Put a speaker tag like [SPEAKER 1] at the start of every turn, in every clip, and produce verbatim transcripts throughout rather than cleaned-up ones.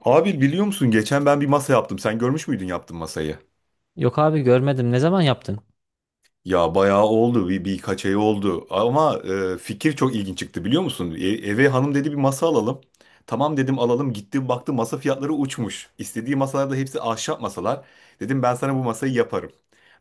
[SPEAKER 1] Abi biliyor musun geçen ben bir masa yaptım. Sen görmüş müydün yaptığım masayı?
[SPEAKER 2] Yok abi, görmedim. Ne zaman yaptın?
[SPEAKER 1] Ya bayağı oldu bir birkaç ay oldu ama e, fikir çok ilginç çıktı biliyor musun? E- eve hanım dedi bir masa alalım. Tamam dedim alalım, gitti baktı masa fiyatları uçmuş. İstediği masalar da hepsi ahşap masalar. Dedim ben sana bu masayı yaparım.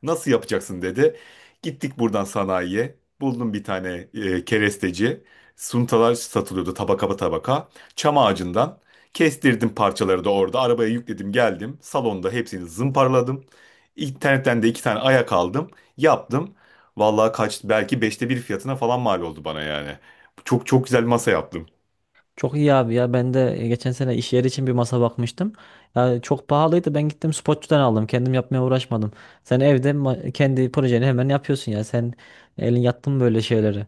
[SPEAKER 1] Nasıl yapacaksın dedi. Gittik buradan sanayiye, buldum bir tane e, keresteci. Suntalar satılıyordu tabaka tabaka. Çam ağacından kestirdim parçaları, da orada arabaya yükledim geldim. Salonda hepsini zımparaladım. İnternetten de iki tane ayak aldım. Yaptım. Vallahi kaç, belki beşte bir fiyatına falan mal oldu bana yani. Çok çok güzel masa yaptım.
[SPEAKER 2] Çok iyi abi ya. Ben de e, geçen sene iş yeri için bir masa bakmıştım. Ya çok pahalıydı. Ben gittim, spotçudan aldım. Kendim yapmaya uğraşmadım. Sen evde ma- kendi projeni hemen yapıyorsun ya. Sen elin yattın mı böyle şeylere?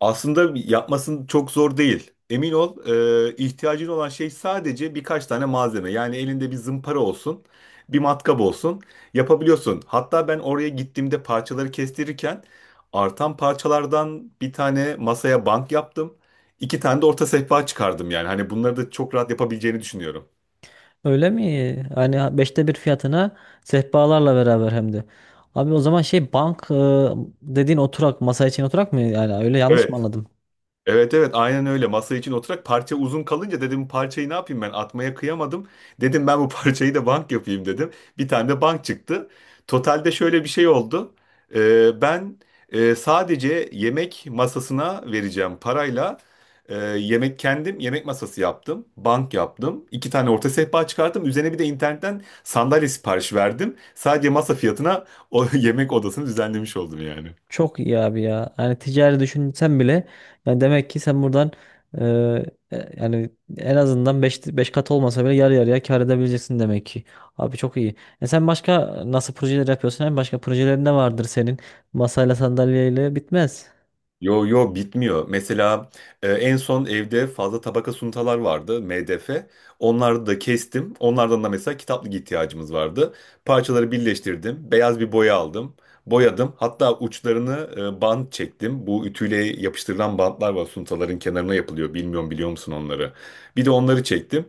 [SPEAKER 1] Aslında yapmasın çok zor değil. Emin ol, e, ihtiyacın olan şey sadece birkaç tane malzeme. Yani elinde bir zımpara olsun, bir matkap olsun. Yapabiliyorsun. Hatta ben oraya gittiğimde parçaları kestirirken artan parçalardan bir tane masaya bank yaptım. İki tane de orta sehpa çıkardım yani. Hani bunları da çok rahat yapabileceğini düşünüyorum.
[SPEAKER 2] Öyle mi? Hani beşte bir fiyatına, sehpalarla beraber hem de. Abi o zaman şey, bank e, dediğin oturak, masa için oturak mı yani, öyle yanlış
[SPEAKER 1] Evet.
[SPEAKER 2] mı anladım?
[SPEAKER 1] Evet evet, aynen öyle, masa için oturarak parça uzun kalınca dedim bu parçayı ne yapayım, ben atmaya kıyamadım. Dedim ben bu parçayı da bank yapayım dedim. Bir tane de bank çıktı. Totalde şöyle bir şey oldu. Ee, ben e, sadece yemek masasına vereceğim parayla e, yemek kendim yemek masası yaptım. Bank yaptım. İki tane orta sehpa çıkarttım. Üzerine bir de internetten sandalye sipariş verdim. Sadece masa fiyatına o yemek odasını düzenlemiş oldum yani.
[SPEAKER 2] Çok iyi abi ya. Yani ticari düşünsen bile, yani demek ki sen buradan e, e, yani en azından beş beş kat olmasa bile yarı yarıya kar edebileceksin demek ki. Abi çok iyi. E sen başka nasıl projeler yapıyorsun? Hem başka projelerin ne vardır senin? Masayla sandalyeyle bitmez.
[SPEAKER 1] Yo yo, bitmiyor. Mesela e, en son evde fazla tabaka suntalar vardı, M D F. Onları da kestim. Onlardan da mesela kitaplık ihtiyacımız vardı. Parçaları birleştirdim. Beyaz bir boya aldım. Boyadım. Hatta uçlarını e, bant çektim. Bu ütüyle yapıştırılan bantlar var, suntaların kenarına yapılıyor. Bilmiyorum biliyor musun onları? Bir de onları çektim.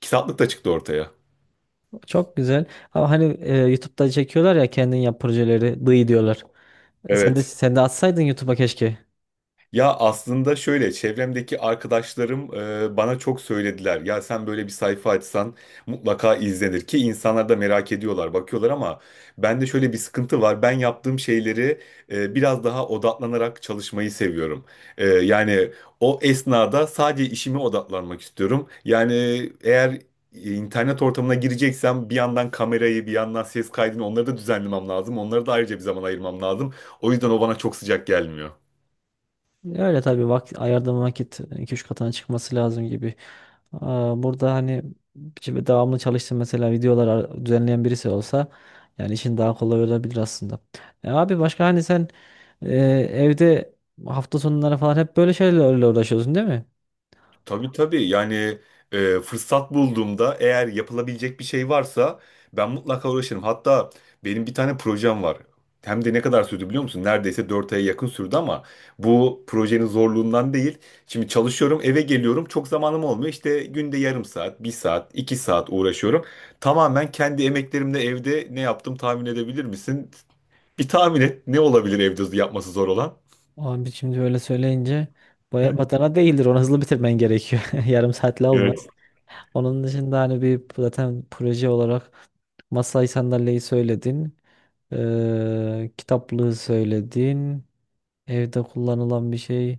[SPEAKER 1] Kitaplık da çıktı ortaya.
[SPEAKER 2] Çok güzel. Ama hani e, YouTube'da çekiyorlar ya, kendin yap projeleri dıy diyorlar. E sen de
[SPEAKER 1] Evet.
[SPEAKER 2] sen de atsaydın YouTube'a keşke.
[SPEAKER 1] Ya aslında şöyle, çevremdeki arkadaşlarım e, bana çok söylediler. Ya sen böyle bir sayfa açsan mutlaka izlenir, ki insanlar da merak ediyorlar, bakıyorlar, ama bende şöyle bir sıkıntı var. Ben yaptığım şeyleri e, biraz daha odaklanarak çalışmayı seviyorum. E, yani o esnada sadece işime odaklanmak istiyorum. Yani eğer internet ortamına gireceksem bir yandan kamerayı, bir yandan ses kaydını, onları da düzenlemem lazım. Onları da ayrıca bir zaman ayırmam lazım. O yüzden o bana çok sıcak gelmiyor.
[SPEAKER 2] Öyle tabii, vakit ayırdığın vakit iki üç katına çıkması lazım gibi. Aa, burada hani şimdi devamlı çalıştığım, mesela videolar ar- düzenleyen birisi olsa yani işin daha kolay olabilir aslında. E abi başka hani sen e, evde hafta sonları falan hep böyle şeylerle uğraşıyorsun değil mi?
[SPEAKER 1] Tabii tabii yani, e, fırsat bulduğumda eğer yapılabilecek bir şey varsa ben mutlaka uğraşırım. Hatta benim bir tane projem var. Hem de ne kadar sürdü biliyor musun? Neredeyse dört aya yakın sürdü, ama bu projenin zorluğundan değil. Şimdi çalışıyorum, eve geliyorum, çok zamanım olmuyor. İşte günde yarım saat, bir saat, iki saat uğraşıyorum. Tamamen kendi emeklerimle evde ne yaptım tahmin edebilir misin? Bir tahmin et, ne olabilir evde yapması zor olan?
[SPEAKER 2] Abi şimdi öyle söyleyince baya batana değildir. Onu hızlı bitirmen gerekiyor. Yarım saatle olmaz. Onun dışında hani bir zaten proje olarak masayı, sandalyeyi söyledin. Eee kitaplığı söyledin. Evde kullanılan bir şey.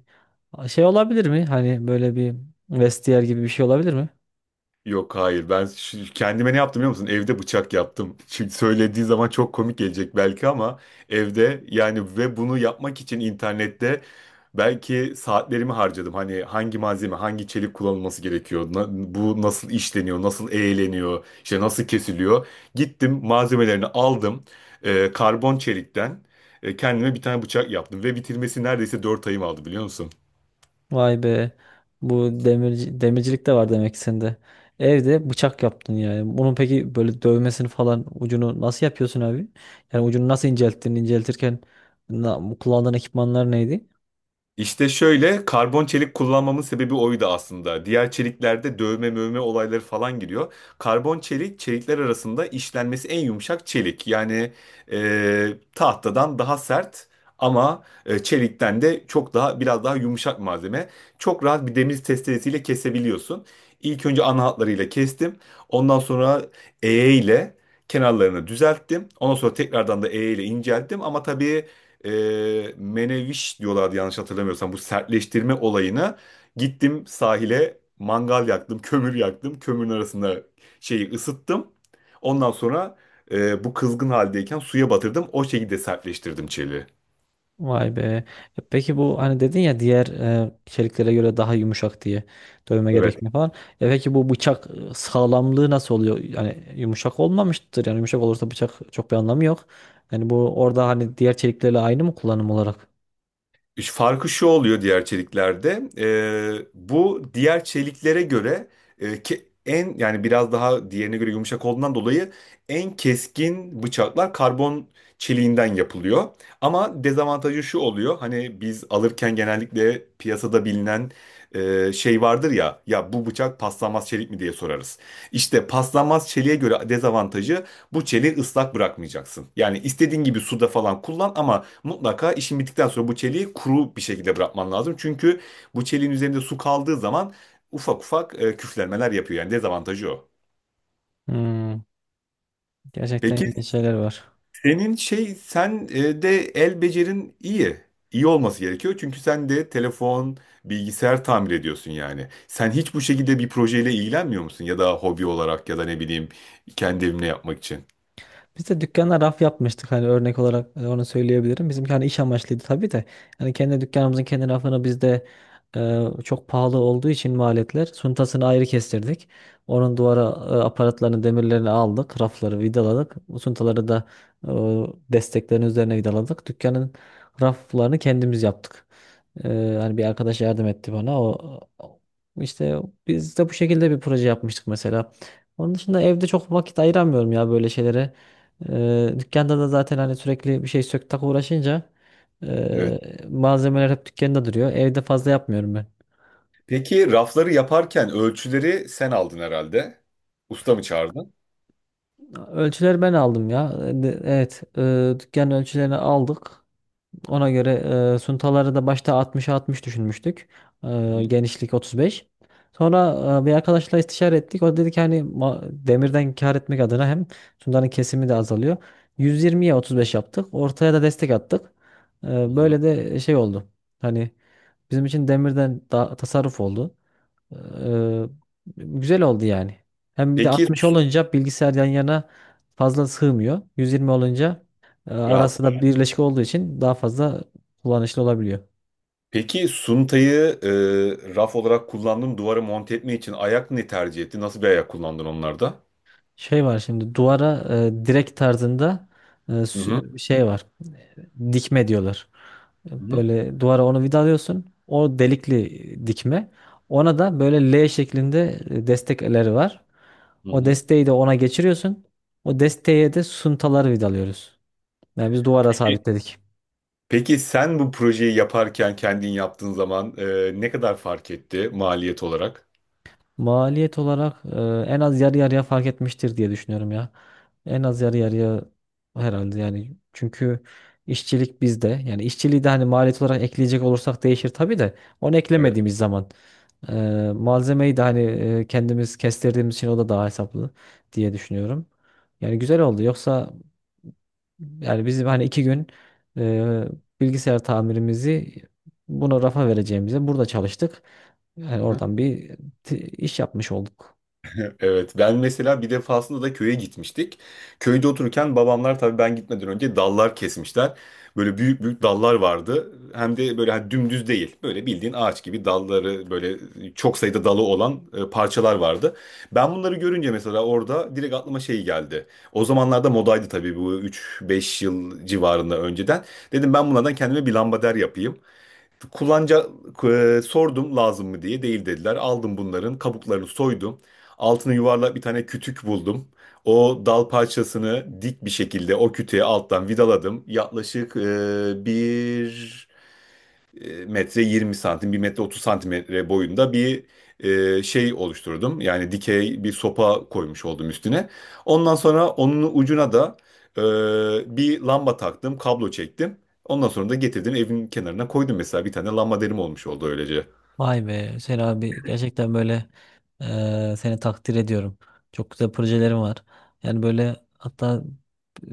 [SPEAKER 2] Şey olabilir mi? Hani böyle bir vestiyer gibi bir şey olabilir mi?
[SPEAKER 1] Yok hayır, ben şu- kendime ne yaptım biliyor musun? Evde bıçak yaptım. Şimdi söylediği zaman çok komik gelecek belki, ama evde yani, ve bunu yapmak için internette belki saatlerimi harcadım. Hani hangi malzeme, hangi çelik kullanılması gerekiyor, na- bu nasıl işleniyor, nasıl eğleniyor, işte nasıl kesiliyor. Gittim malzemelerini aldım, e, karbon çelikten e, kendime bir tane bıçak yaptım ve bitirmesi neredeyse dört ayım aldı biliyor musun?
[SPEAKER 2] Vay be. Bu demirci, demircilik de var demek ki sende. Evde bıçak yaptın yani. Bunun peki böyle dövmesini falan, ucunu nasıl yapıyorsun abi? Yani ucunu nasıl incelttin? İnceltirken na- kullandığın ekipmanlar neydi?
[SPEAKER 1] İşte şöyle, karbon çelik kullanmamın sebebi oydu aslında. Diğer çeliklerde dövme mövme olayları falan giriyor. Karbon çelik çelikler arasında işlenmesi en yumuşak çelik. Yani e, tahtadan daha sert, ama e, çelikten de çok daha, biraz daha yumuşak malzeme. Çok rahat bir demir testeresiyle kesebiliyorsun. İlk önce ana hatlarıyla kestim. Ondan sonra eğe ile kenarlarını düzelttim. Ondan sonra tekrardan da eğe ile incelttim. Ama tabii, e, meneviş diyorlardı yanlış hatırlamıyorsam bu sertleştirme olayına, gittim sahile, mangal yaktım, kömür yaktım, kömürün arasında şeyi ısıttım, ondan sonra e, bu kızgın haldeyken suya batırdım, o şekilde sertleştirdim çeliği.
[SPEAKER 2] Vay be. E peki bu, hani dedin ya, diğer e, çeliklere göre daha yumuşak diye dövme
[SPEAKER 1] Evet.
[SPEAKER 2] gerekmiyor falan. E peki bu bıçak e, sağlamlığı nasıl oluyor? Yani yumuşak olmamıştır. Yani yumuşak olursa bıçak, çok bir anlamı yok. Yani bu orada hani diğer çeliklerle aynı mı kullanım olarak?
[SPEAKER 1] Ş- Farkı şu oluyor diğer çeliklerde. E, bu diğer çeliklere göre, e, ki en, yani biraz daha diğerine göre yumuşak olduğundan dolayı, en keskin bıçaklar karbon çeliğinden yapılıyor. Ama dezavantajı şu oluyor. Hani biz alırken genellikle piyasada bilinen e, şey vardır ya, ya bu bıçak paslanmaz çelik mi diye sorarız. İşte paslanmaz çeliğe göre dezavantajı, bu çeliği ıslak bırakmayacaksın. Yani istediğin gibi suda falan kullan, ama mutlaka işin bittikten sonra bu çeliği kuru bir şekilde bırakman lazım. Çünkü bu çeliğin üzerinde su kaldığı zaman ufak ufak e, küflenmeler yapıyor. Yani dezavantajı o.
[SPEAKER 2] Hmm, gerçekten
[SPEAKER 1] Peki
[SPEAKER 2] ilginç şeyler var.
[SPEAKER 1] senin şey, sen e, de el becerin iyi. İyi olması gerekiyor. Çünkü sen de telefon, bilgisayar tamir ediyorsun yani. Sen hiç bu şekilde bir projeyle ilgilenmiyor musun? Ya da hobi olarak, ya da ne bileyim kendi evimle yapmak için.
[SPEAKER 2] Biz de dükkana raf yapmıştık, hani örnek olarak e, onu söyleyebilirim. Bizimki hani iş amaçlıydı tabii de. Yani kendi dükkanımızın kendi rafını biz de e, çok pahalı olduğu için maliyetler, suntasını ayrı kestirdik. Onun duvara e, aparatlarını, demirlerini aldık. Rafları vidaladık. Bu suntaları da e, desteklerin üzerine vidaladık. Dükkanın raflarını kendimiz yaptık. E, Hani bir arkadaş yardım etti bana. O o- işte biz de bu şekilde bir proje yapmıştık mesela. Onun dışında evde çok vakit ayıramıyorum ya böyle şeylere. Eee, dükkanda da zaten hani sürekli bir şey sök tak uğraşınca,
[SPEAKER 1] Evet.
[SPEAKER 2] eee, malzemeler hep dükkanda duruyor. Evde fazla yapmıyorum ben.
[SPEAKER 1] Peki rafları yaparken ölçüleri sen aldın herhalde. Usta mı çağırdın?
[SPEAKER 2] Ölçüleri ben aldım ya. E, de- Evet, eee dükkan ölçülerini aldık. Ona göre eee, suntaları da başta altmışa altmış düşünmüştük.
[SPEAKER 1] Hı
[SPEAKER 2] Eee,
[SPEAKER 1] hı.
[SPEAKER 2] genişlik otuz beş. Sonra eee, bir arkadaşla istişare ettik. O dedi ki hani ma- demirden kâr etmek adına, hem suntanın kesimi de azalıyor. yüz yirmiye otuz beş yaptık. Ortaya da destek attık. Eee,
[SPEAKER 1] Hı hı.
[SPEAKER 2] böyle de şey oldu. Hani bizim için demirden daha tasarruf oldu. Ee, Güzel oldu yani. Hem bir de
[SPEAKER 1] Peki.
[SPEAKER 2] altmış olunca bilgisayar yan yana fazla sığmıyor. yüz yirmi olunca e,
[SPEAKER 1] Rahat.
[SPEAKER 2] arası da birleşik olduğu için daha fazla kullanışlı olabiliyor.
[SPEAKER 1] Peki suntayı e, raf olarak kullandın, duvara monte etme için ayak ne tercih etti? Nasıl bir ayak kullandın onlarda?
[SPEAKER 2] Şey var şimdi, duvara e, direkt tarzında e,
[SPEAKER 1] Hı hı.
[SPEAKER 2] sü- şey var. Dikme diyorlar.
[SPEAKER 1] Hı hı.
[SPEAKER 2] Böyle duvara onu vidalıyorsun. O delikli dikme. Ona da böyle L şeklinde destekleri var.
[SPEAKER 1] Hı
[SPEAKER 2] O
[SPEAKER 1] hı.
[SPEAKER 2] desteği de ona geçiriyorsun. O desteğe de suntaları vidalıyoruz. Yani biz duvara
[SPEAKER 1] Peki
[SPEAKER 2] sabitledik.
[SPEAKER 1] peki sen bu projeyi yaparken kendin yaptığın zaman e, ne kadar fark etti maliyet olarak?
[SPEAKER 2] Maliyet olarak e, en az yarı yarıya fark etmiştir diye düşünüyorum ya. En az yarı yarıya herhalde yani. Çünkü işçilik bizde. Yani işçiliği de hani maliyet olarak ekleyecek olursak değişir tabii de. Onu
[SPEAKER 1] Evet.
[SPEAKER 2] eklemediğimiz zaman e, malzemeyi de hani e, kendimiz kestirdiğimiz için o da daha hesaplı diye düşünüyorum. Yani güzel oldu. Yoksa yani bizim hani iki gün e, bilgisayar tamirimizi buna, rafa vereceğimize burada çalıştık. Yani
[SPEAKER 1] Hı hı.
[SPEAKER 2] oradan bir t- iş yapmış olduk.
[SPEAKER 1] Evet, ben mesela bir defasında da köye gitmiştik. Köyde otururken babamlar, tabii ben gitmeden önce dallar kesmişler. Böyle büyük büyük dallar vardı. Hem de böyle hani dümdüz değil. Böyle bildiğin ağaç gibi dalları, böyle çok sayıda dalı olan e, parçalar vardı. Ben bunları görünce mesela orada direkt aklıma şey geldi. O zamanlarda modaydı tabii, bu üç beş yıl civarında önceden. Dedim ben bunlardan kendime bir lambader yapayım. Kullanca e, sordum lazım mı diye, değil dediler. Aldım bunların kabuklarını soydum. Altını yuvarlak bir tane kütük buldum. O dal parçasını dik bir şekilde o kütüğe alttan vidaladım. Yaklaşık e, bir e, metre yirmi santim, bir metre otuz santimetre boyunda bir e, şey oluşturdum. Yani dikey bir sopa koymuş oldum üstüne. Ondan sonra onun ucuna da e, bir lamba taktım, kablo çektim. Ondan sonra da getirdim evin kenarına koydum, mesela bir tane lamba derim, olmuş oldu öylece.
[SPEAKER 2] Vay be Hüseyin abi, gerçekten böyle eee, seni takdir ediyorum. Çok güzel projelerim var. Yani böyle, hatta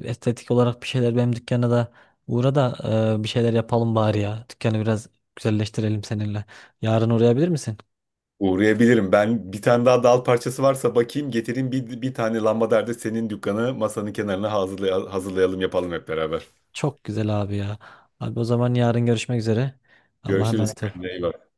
[SPEAKER 2] estetik olarak bir şeyler, benim dükkana da uğra da eee, bir şeyler yapalım bari ya. Dükkanı biraz güzelleştirelim seninle. Yarın uğrayabilir misin?
[SPEAKER 1] Uğrayabilirim. Ben bir tane daha dal parçası varsa bakayım getireyim, bir, bir tane lambader de senin dükkanı masanın kenarına hazırlay- hazırlayalım, yapalım hep beraber.
[SPEAKER 2] Çok güzel abi ya. Abi o zaman yarın görüşmek üzere. Allah'a
[SPEAKER 1] Görüşürüz,
[SPEAKER 2] emanet ol.
[SPEAKER 1] kendine iyi bak.